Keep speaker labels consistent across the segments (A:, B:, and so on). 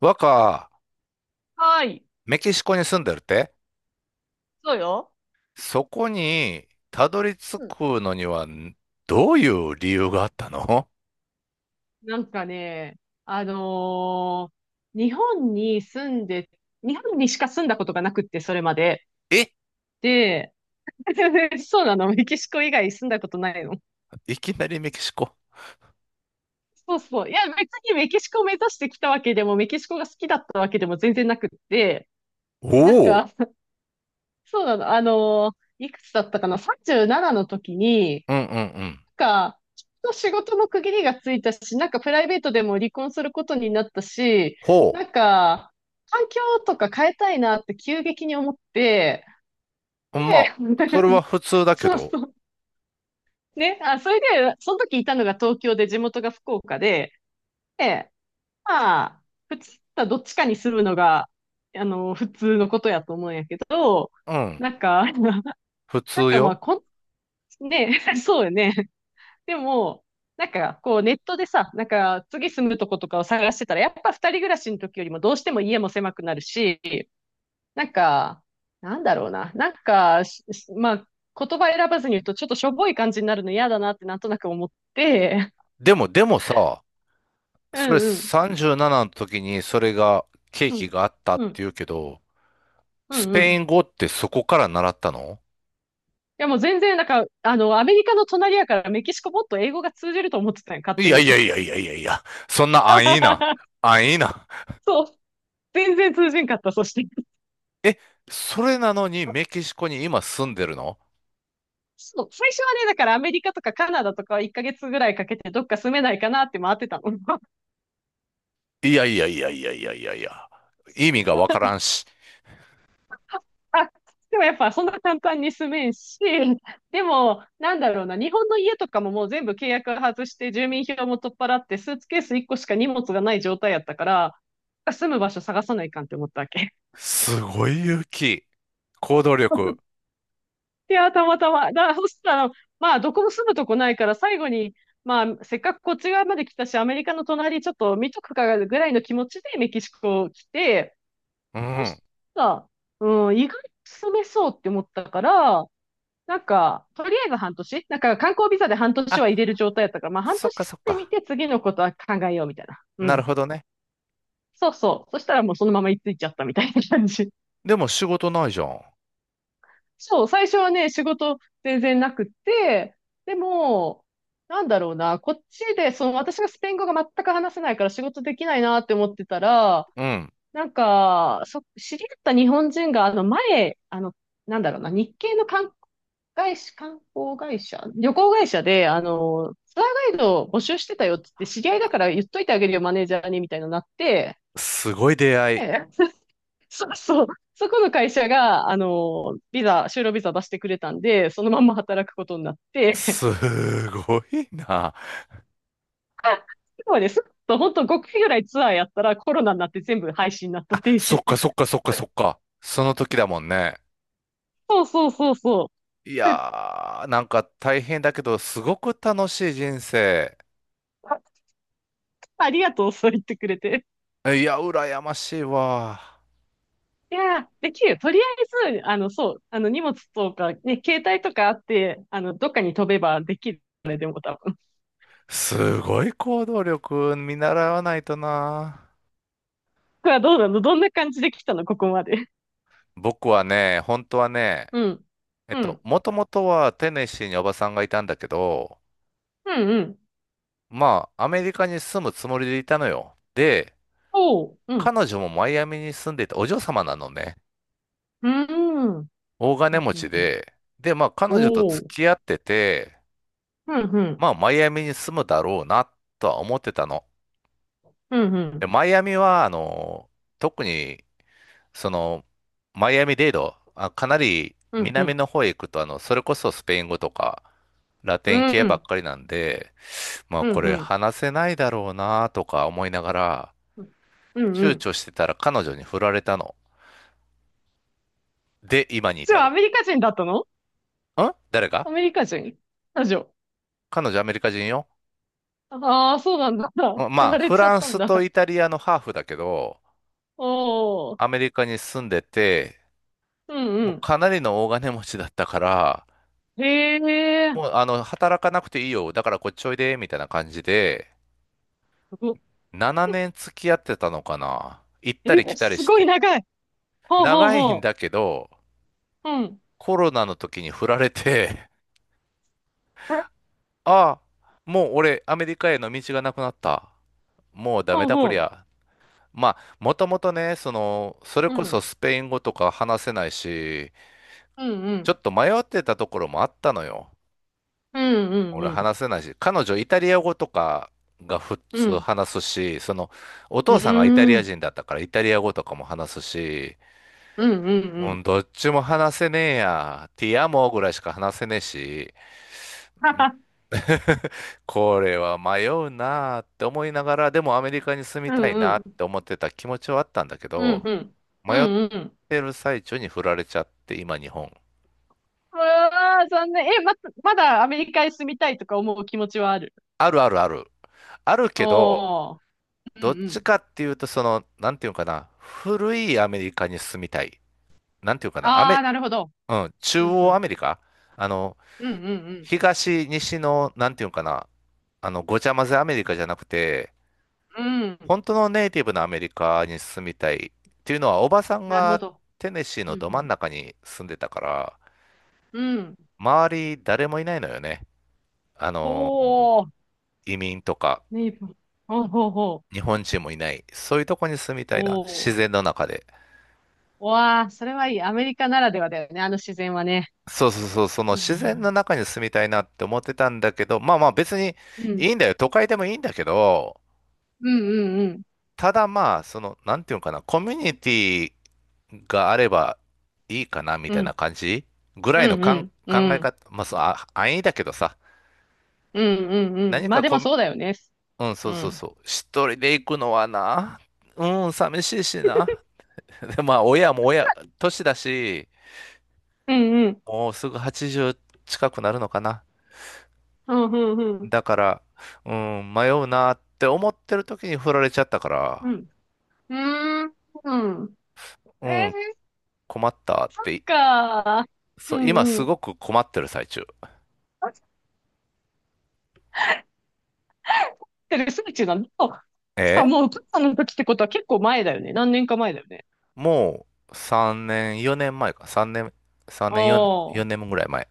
A: 若、
B: はい。
A: メキシコに住んでるって、
B: そうよ。
A: そこにたどり着
B: うん。
A: くのにはどういう理由があったの？
B: なんかね、あのー日本に住んで、日本にしか住んだことがなくって、それまで。
A: え、
B: で、そうなの、メキシコ以外住んだことないの。
A: いきなりメキシコ。
B: そうそう。いや、別にメキシコを目指してきたわけでも、メキシコが好きだったわけでも全然なくって、
A: お
B: なん
A: お。
B: か、そうなの、いくつだったかな？ 37 の時に、
A: うんうんうん。
B: きっと仕事の区切りがついたし、なんかプライベートでも離婚することになったし、
A: ほ
B: なんか、環境とか変えたいなって急激に思って、
A: う。まあ、
B: で、
A: それは 普通だけ
B: そう
A: ど。
B: そう。ね、あ、それで、その時いたのが東京で地元が福岡で、で、まあ、普通はどっちかに住むのが、普通のことやと思うんやけど、
A: うん、
B: なんか、
A: 普
B: なん
A: 通
B: かまあ、
A: よ。
B: ね、そうよね。でも、なんか、こう、ネットでさ、なんか、次住むとことかを探してたら、やっぱ二人暮らしの時よりもどうしても家も狭くなるし、なんか、なんだろうな。なんか、まあ、言葉選ばずに言うと、ちょっとしょぼい感じになるの嫌だなってなんとなく思って、
A: でもさ、
B: う
A: それ
B: んうん。
A: 37の時にそれが、ケー
B: う
A: キ
B: ん。
A: があったって
B: うん。
A: 言うけど、
B: う
A: ス
B: んうん。
A: ペイ
B: い
A: ン語ってそこから習ったの？
B: やもう全然、なんか、アメリカの隣やからメキシコもっと英語が通じると思ってたんよ、勝
A: い
B: 手
A: やい
B: に。
A: やいやいやいやいや、そんな安易な、安易な。
B: そう。全然通じんかった、そして。
A: え、それなのにメキシコに今住んでるの？
B: そう、最初はね、だからアメリカとかカナダとかは1ヶ月ぐらいかけてどっか住めないかなって回ってたの。
A: いやいやいやいやいやいやいや。意味がわからんし。
B: あでもやっぱそんな簡単に住めんし、でもなんだろうな、日本の家とかももう全部契約外して住民票も取っ払ってスーツケース1個しか荷物がない状態やったから、住む場所探さないかんって思ったわけ。
A: すごい勇気。行動力。
B: いや、たまたま。だからそしたら、まあどこも住むとこないから最後に、まあ、せっかくこっち側まで来たし、アメリカの隣ちょっと見とくかぐらいの気持ちでメキシコ来て、
A: う
B: そ
A: ん。
B: したら、うん、意外と住めそうって思ったから、なんか、とりあえず半年、なんか観光ビザで半年
A: あ、
B: は入れる状態だったから、まあ半
A: そっ
B: 年
A: か
B: 住
A: そっ
B: んでみ
A: か。
B: て次のことは考えようみたいな。う
A: なる
B: ん。
A: ほどね。
B: そうそう。そしたらもうそのまま居ついちゃったみたいな感じ。
A: でも仕事ないじゃん。
B: そう、最初はね、仕事全然なくって、でも、なんだろうな、こっちで、その私がスペイン語が全く話せないから仕事できないなって思ってたら、
A: うん。
B: なんか、知り合った日本人が、前、なんだろうな、日系の観光会社、旅行会社で、ツアーガイドを募集してたよって言って知り合いだから言っといてあげるよ、マネージャーに、みたいなのになって、
A: すごい出会い。
B: ええ そうそう、そこの会社が、就労ビザ出してくれたんで、そのまんま働くことになって、
A: すごいな。
B: そうです。と、本当5回ぐらいツアーやったらコロナになって全部廃止になった
A: あ、
B: 停
A: そ
B: 止。
A: っかそっかそっかそっか。その時だもんね。
B: そうそうそうそう。
A: い やー、なんか大変だけど、すごく楽しい人生。
B: ありがとう、そう言ってくれて。
A: いや、羨ましいわ。
B: いやー、できるよ。とりあえず、そう、荷物とか、ね、携帯とかあって、どっかに飛べばできる。ねでも多分。
A: すごい行動力見習わないとな。
B: これはどうなのどんな感じで来たのここまで。
A: 僕はね、本当はね、
B: うん。うん。
A: もともとはテネシーにおばさんがいたんだけど、
B: うんうん。
A: まあ、アメリカに住むつもりでいたのよ。で、
B: おう。うん。
A: 彼女もマイアミに住んでて、お嬢様なのね。
B: うん。うん
A: 大
B: う
A: 金
B: ん
A: 持ち
B: うん
A: で、で、まあ、彼女と
B: お
A: 付
B: う。
A: き合ってて、
B: うんう
A: ま
B: ん。
A: あ、マイアミに住むだろうな、とは思ってたの。
B: うんう
A: で、
B: ん。
A: マイアミは、特にその、マイアミデード、あ、かなり
B: うんう
A: 南
B: ん。
A: の方へ行くと、それこそスペイン語とか、ラ
B: う
A: テン
B: ん
A: 系
B: う
A: ばっ
B: ん。
A: かりなんで、まあ
B: うん
A: こ
B: う
A: れ
B: ん。
A: 話せないだろうなとか思いながら、
B: うんう
A: 躊
B: ん。
A: 躇してたら彼女に振られたの。で、今に
B: じ
A: 至
B: ゃあ、ア
A: る。
B: メリカ人だったの？
A: ん？誰が？
B: アメリカ人ラジオ。
A: 彼女アメリカ人よ。
B: ああ、そうなんだ。
A: まま
B: 振
A: あ、
B: られ
A: フ
B: ちゃ
A: ラ
B: っ
A: ン
B: たん
A: ス
B: だ。
A: とイタリアのハーフだけど、
B: おお。
A: アメリカに住んでて、
B: うんう
A: もう
B: ん。
A: かなりの大金持ちだったから、
B: へえ、
A: もう働かなくていいよ。だからこっちおいで、みたいな感じで、
B: すご、
A: 7年付き合ってたのかな、行ったり
B: え、
A: 来たり
B: す
A: し
B: ごい
A: て。
B: 長い。ほうほう
A: 長いん
B: ほ
A: だけど、
B: う。うん。
A: コロナの時に振られて、
B: え
A: ああ、もう俺アメリカへの道がなくなった。もうダメ
B: ほう
A: だこり
B: ほ
A: ゃ。まあ、もともとね、その、それ
B: う。う
A: こそ
B: ん。
A: スペイン語とか話せないし、
B: うんう
A: ちょ
B: ん。
A: っと迷ってたところもあったのよ。
B: うんうんう
A: 俺
B: ん。
A: 話せないし、彼女イタリア語とかが普
B: う
A: 通
B: ん。
A: 話すし、その、お
B: う
A: 父さんがイタリ
B: ー
A: ア
B: ん。
A: 人だったからイタリア語とかも話すし、
B: うんうんう
A: う
B: ん。
A: ん、どっちも話せねえや。ティアモぐらいしか話せねえし、
B: はは。
A: これは迷うなあって思いながら、でもアメリカに住み
B: う
A: た
B: ん
A: い
B: う
A: なっ
B: ん。
A: て思ってた気持ちはあったんだけ
B: うん
A: ど、
B: うん。う
A: 迷っ
B: んうん。
A: てる最中に振られちゃって、今日本。
B: うわー、残念。え、まだアメリカへ住みたいとか思う気持ちはある？
A: あるあるある。あるけど、
B: おー。うん
A: どっ
B: う
A: ち
B: ん。
A: かっていうと、その、なんていうのかな、古いアメリカに住みたい。なんていうのかな、ア
B: あ
A: メ、
B: ー、なるほど。
A: うん、中
B: うんう
A: 央
B: ん。
A: アメリカあの、
B: うんうん
A: 東、西の、なんていうのかな、ごちゃ混ぜアメリカじゃなくて、
B: うん。うん。
A: 本当のネイティブのアメリカに住みたいっていうのは、おばさん
B: なるほ
A: が
B: ど。
A: テネシーの
B: う
A: ど真ん
B: ん
A: 中に住んでたから、
B: うん。うん。
A: 周り誰もいないのよね。あの、
B: ほー。
A: 移民とか
B: ネイバー。ほうほうほ
A: 日
B: う。
A: 本人もいない。そういうとこに住みた
B: お
A: いな。自
B: お。
A: 然の中で。
B: うわあ、それはいい。アメリカならではだよね。あの自然はね。
A: そうそうそう、その
B: いい
A: 自然の
B: な。
A: 中に住みたいなって思ってたんだけど、まあまあ別に
B: うん。
A: いいんだよ。都会でもいいんだけど、
B: うんうんうん。
A: ただまあ、その、なんていうのかな、コミュニティがあればいいかなみ
B: う
A: たいな
B: ん。
A: 感じぐら
B: う
A: いの
B: んうん
A: 考
B: う
A: え
B: ん。
A: 方、まあ、そう、あ、安易だけどさ、
B: うんうんうん。
A: 何
B: まあ
A: か
B: で
A: コ
B: も
A: ミ、
B: そうだよね。
A: うん、
B: う
A: そうそう
B: ん。
A: そう、一人で行くのはな、うん、寂しいしな。で、まあ、親も親、年だし、
B: うんうん。
A: もうすぐ80近くなるのかな。
B: うんうんうん。
A: だから、うん、迷うなって思ってる時に振られちゃったから、
B: うん。うーん。うん
A: う
B: えー、そ
A: ん、困ったって、
B: っか。う
A: そう、
B: んうん
A: 今
B: うん
A: す
B: うんうーんえーっかうんうん
A: ごく困ってる最中。
B: ってる最中なんだ。さあ、
A: え？
B: もう、お母さんの時ってことは結構前だよね。何年か前だよね。
A: もう3年、4年前か。3年、3
B: あ
A: 年、4年、
B: あ、お
A: 4年ぐらい前。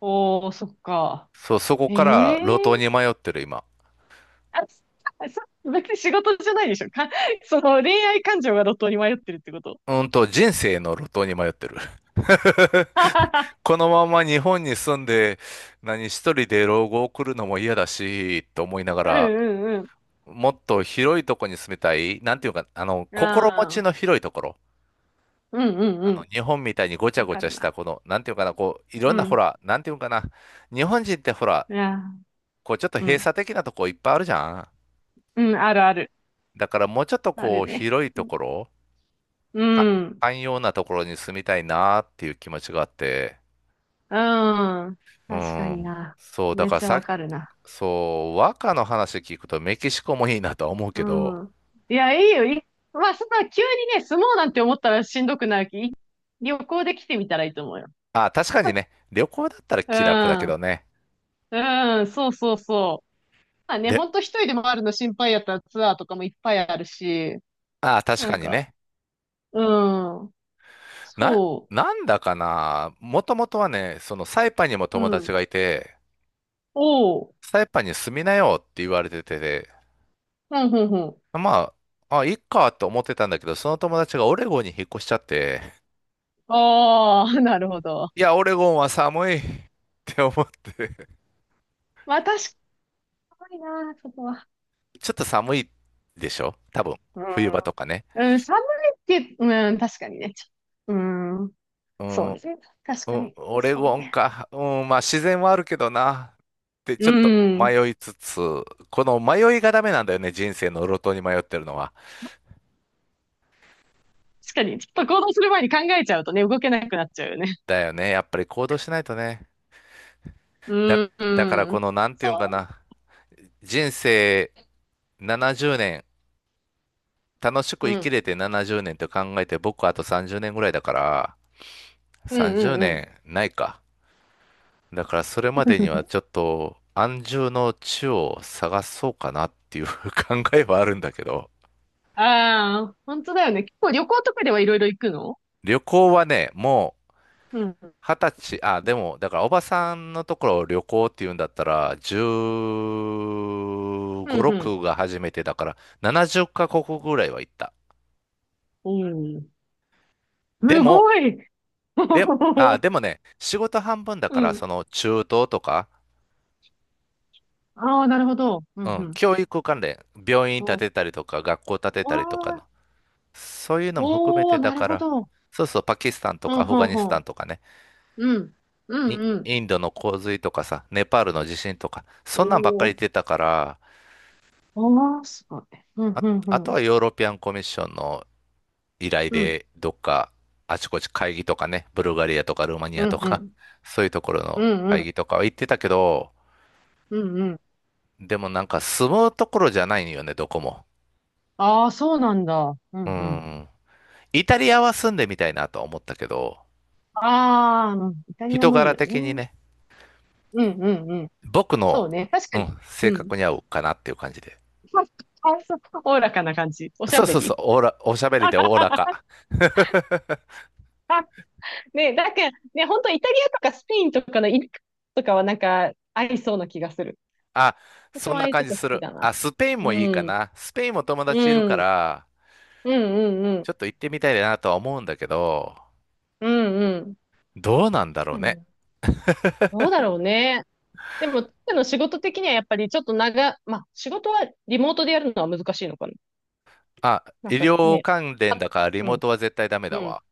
B: ー、そっか。
A: そう、そこから路
B: え
A: 頭
B: え
A: に迷ってる今。
B: あ、そ別に仕事じゃないでしょ。その恋愛感情が路頭に迷ってるってこと？
A: うんと、人生の路頭に迷ってる。このまま日本に住んで、何一人で老後を送るのも嫌だし、と思いなが
B: う
A: ら、
B: んうん
A: もっと広いとこに住みたい。なんていうか、あの、
B: うん。
A: 心持
B: あ
A: ち
B: あ、
A: の広いところ。
B: うんうんう
A: あの、
B: ん。
A: 日本みたいにごちゃ
B: わ
A: ご
B: か
A: ちゃ
B: る
A: した、
B: な。
A: この、なんていうかな、こう、いろ
B: う
A: んな、ほ
B: ん。
A: ら、なんていうかな。日本人ってほら、
B: いや、
A: こう、ちょっと
B: う
A: 閉
B: ん。
A: 鎖的なとこいっぱいあるじゃん。
B: うん、あるある。
A: だからもうちょっと
B: あ
A: こ
B: る
A: う
B: ね。
A: 広い
B: う
A: と
B: ん。
A: ころ、
B: う
A: か
B: ん。
A: 寛容なところに住みたいなっていう気持ちがあって、
B: うん
A: う
B: 確かに
A: ん。
B: な。
A: そう、だ
B: めっ
A: から
B: ちゃ
A: さ、
B: わかるな。
A: そう、和歌の話聞くとメキシコもいいなとは思う
B: う
A: けど、
B: ん。いや、いいよ。まあ、そんな急にね、住もうなんて思ったらしんどくなるき、旅行で来てみたらいいと思うよ。
A: あ、確かにね、旅行だったら
B: う
A: 気楽だけど
B: ん。
A: ね。
B: うん、そうそうそう。まあね、
A: で、
B: ほんと一人で回るの心配やったらツアーとかもいっぱいあるし、
A: あ、確
B: な
A: か
B: ん
A: に
B: か、
A: ね。
B: うん、
A: な、
B: そ
A: なんだかな、もともとはね、そのサイパンにも
B: う、う
A: 友達
B: ん、
A: がいて、
B: おう、
A: サイパンに住みなよって言われてて、
B: ほんほんほん。
A: まあ、あ、いっかと思ってたんだけど、その友達がオレゴンに引っ越しちゃって、
B: ああ、なるほど。
A: いや、オレゴンは寒い って思って。
B: まあ確かにな、そこは。
A: ちょっと寒いでしょ多分。
B: う
A: 冬場
B: ん、
A: とかね。
B: うん、寒いって、うん、確かにね。うん、
A: う
B: そ
A: ん、
B: うね。確
A: う
B: か
A: ん、
B: に、
A: オレ
B: そう
A: ゴン
B: ね。
A: か。うん、まあ自然はあるけどな。ってち
B: う
A: ょっと
B: ん、
A: 迷いつつ、この迷いがダメなんだよね。人生の路頭に迷ってるのは。
B: 確かに、ちょっと行動する前に考えちゃうとね、動けなくなっちゃうよね。
A: だよね。やっぱり行動しな いとね。
B: う
A: だ、
B: ん、
A: だから
B: う
A: こ
B: ん、
A: の、なんていうんか
B: そ
A: な。人生70年、楽し
B: う、
A: く
B: う
A: 生き
B: ん、
A: れて70年って考えて、僕あと30年ぐらいだから、
B: う
A: 30
B: ん、うん、
A: 年ないか。だからそれま
B: う
A: でには
B: ん。
A: ちょっと安住の地を探そうかなっていう 考えはあるんだけど、
B: ああ、本当だよね。結構旅行とかではいろいろ行くの？
A: 旅行はね、もう
B: うん。
A: 二十歳、あ、でも、だからおばさんのところを旅行っていうんだったら、
B: う
A: 15、
B: ん、
A: 6が初めてだから、70カ国ぐらいは行った。
B: うん。うん。
A: で
B: す
A: も、
B: ごい
A: で、あ、でもね、仕事半分だか
B: う
A: ら、そ
B: ん。
A: の中東とか、
B: ああ、なるほど。う
A: う
B: ん、う
A: ん、
B: ん。
A: 教育関連、病院建
B: そ
A: てたりとか、学校建て
B: う。あ
A: たりとかの、
B: あ、
A: そういうのも含め
B: おお、
A: てだ
B: なる
A: か
B: ほ
A: ら、
B: ど。
A: そうそう、パキスタンと
B: う
A: か
B: ん、
A: アフ
B: ほ
A: ガ
B: ん
A: ニ
B: ほ
A: スタン
B: ん。
A: とかね、
B: うん。うん、うん。
A: インドの洪水とかさ、ネパールの地震とか、そんなんばっかり言
B: お
A: ってたから、
B: お。ああ、すごい。うん、
A: あ、
B: うん、
A: あ
B: う
A: と
B: ん。
A: はヨーロピアンコミッションの依頼
B: うん、
A: で、どっかあちこち会議とかね、ブルガリアとかルーマニ
B: う
A: アと
B: ん、う
A: か、
B: ん。
A: そういうところ
B: う
A: の
B: ん、う
A: 会
B: ん。
A: 議とかは行ってたけど、
B: うんうん
A: でもなんか住むところじゃないよね、どこも。
B: ああ、そうなんだ。う
A: う
B: ん、うん。
A: ん。イタリアは住んでみたいなとは思ったけど、
B: ああ、うんイタリア
A: 人
B: もいい
A: 柄
B: よ
A: 的に
B: ね。
A: ね、
B: うん、うん、うん。
A: 僕の、
B: そうね。確
A: う
B: かに。
A: ん、性
B: うん。
A: 格に合うかなっていう感じで。
B: あそうおおらかな感じ。おしゃ
A: そう
B: べ
A: そうそう、
B: り。
A: おしゃべりでおおらか。
B: ね、なんか、ね、本当イタリアとかスペインとかのイルカとかはなんか、合いそうな気がする。
A: あ、
B: 私
A: そ
B: も
A: ん
B: ああ
A: な
B: いう
A: 感
B: と
A: じ
B: こ好
A: す
B: き
A: る。
B: だな。
A: あ、スペイン
B: う
A: もいいか
B: ん。
A: な。スペインも友
B: う
A: 達いるか
B: ん。
A: ら、
B: うんうんう
A: ち
B: ん。
A: ょっと行ってみたいなとは思うんだけど、
B: うんうん。
A: どうなんだ
B: 確
A: ろう
B: かに
A: ね。
B: な。どうだろうね。でも、彼の仕事的にはやっぱりちょっとまあ、仕事はリモートでやるのは難しいのかな。
A: あ、
B: な
A: 医
B: んか
A: 療
B: ね、
A: 関連
B: は、
A: だからリ
B: う
A: モー
B: ん、
A: トは絶対ダメ
B: う
A: だ
B: ん。
A: わ。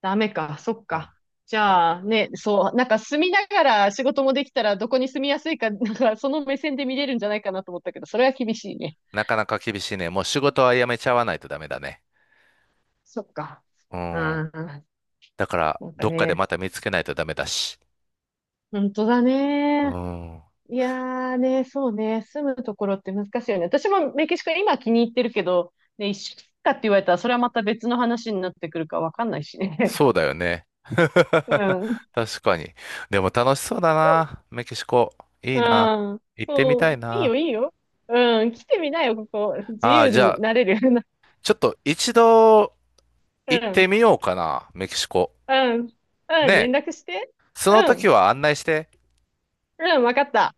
B: ダメか、そっ
A: うん、
B: か。じ
A: ダメ。
B: ゃあね、そう、なんか住みながら仕事もできたらどこに住みやすいか、なんかその目線で見れるんじゃないかなと思ったけど、それは厳しいね。
A: なかなか厳しいね。もう仕事は辞めちゃわないとダメだね。
B: そっか。
A: う
B: う
A: ん。
B: ん、な
A: だから、
B: んか
A: どっかで
B: ね、
A: また見つけないとダメだし。
B: 本当だ
A: う
B: ね。
A: ん。
B: いやーね、そうね、住むところって難しいよね。私もメキシコ今気に入ってるけど、ね、一週間かって言われたらそれはまた別の話になってくるかわかんないしね。
A: そうだよね。
B: う ん。
A: 確かに。でも楽しそうだな。メキシコ。いい
B: う
A: な。
B: ん。
A: 行ってみ
B: そ
A: たい
B: う。いい
A: な。
B: よ、いいよ。うん。来てみなよ、ここ。自
A: ああ、
B: 由
A: じゃ
B: に
A: あ、
B: なれる。
A: ちょっと一度
B: う
A: 行って
B: ん、
A: みようかな。メキシコ。
B: うん、う
A: ね
B: ん、
A: え。
B: 連絡して。
A: その
B: う
A: 時
B: ん、
A: は案内して。
B: うん、わかった。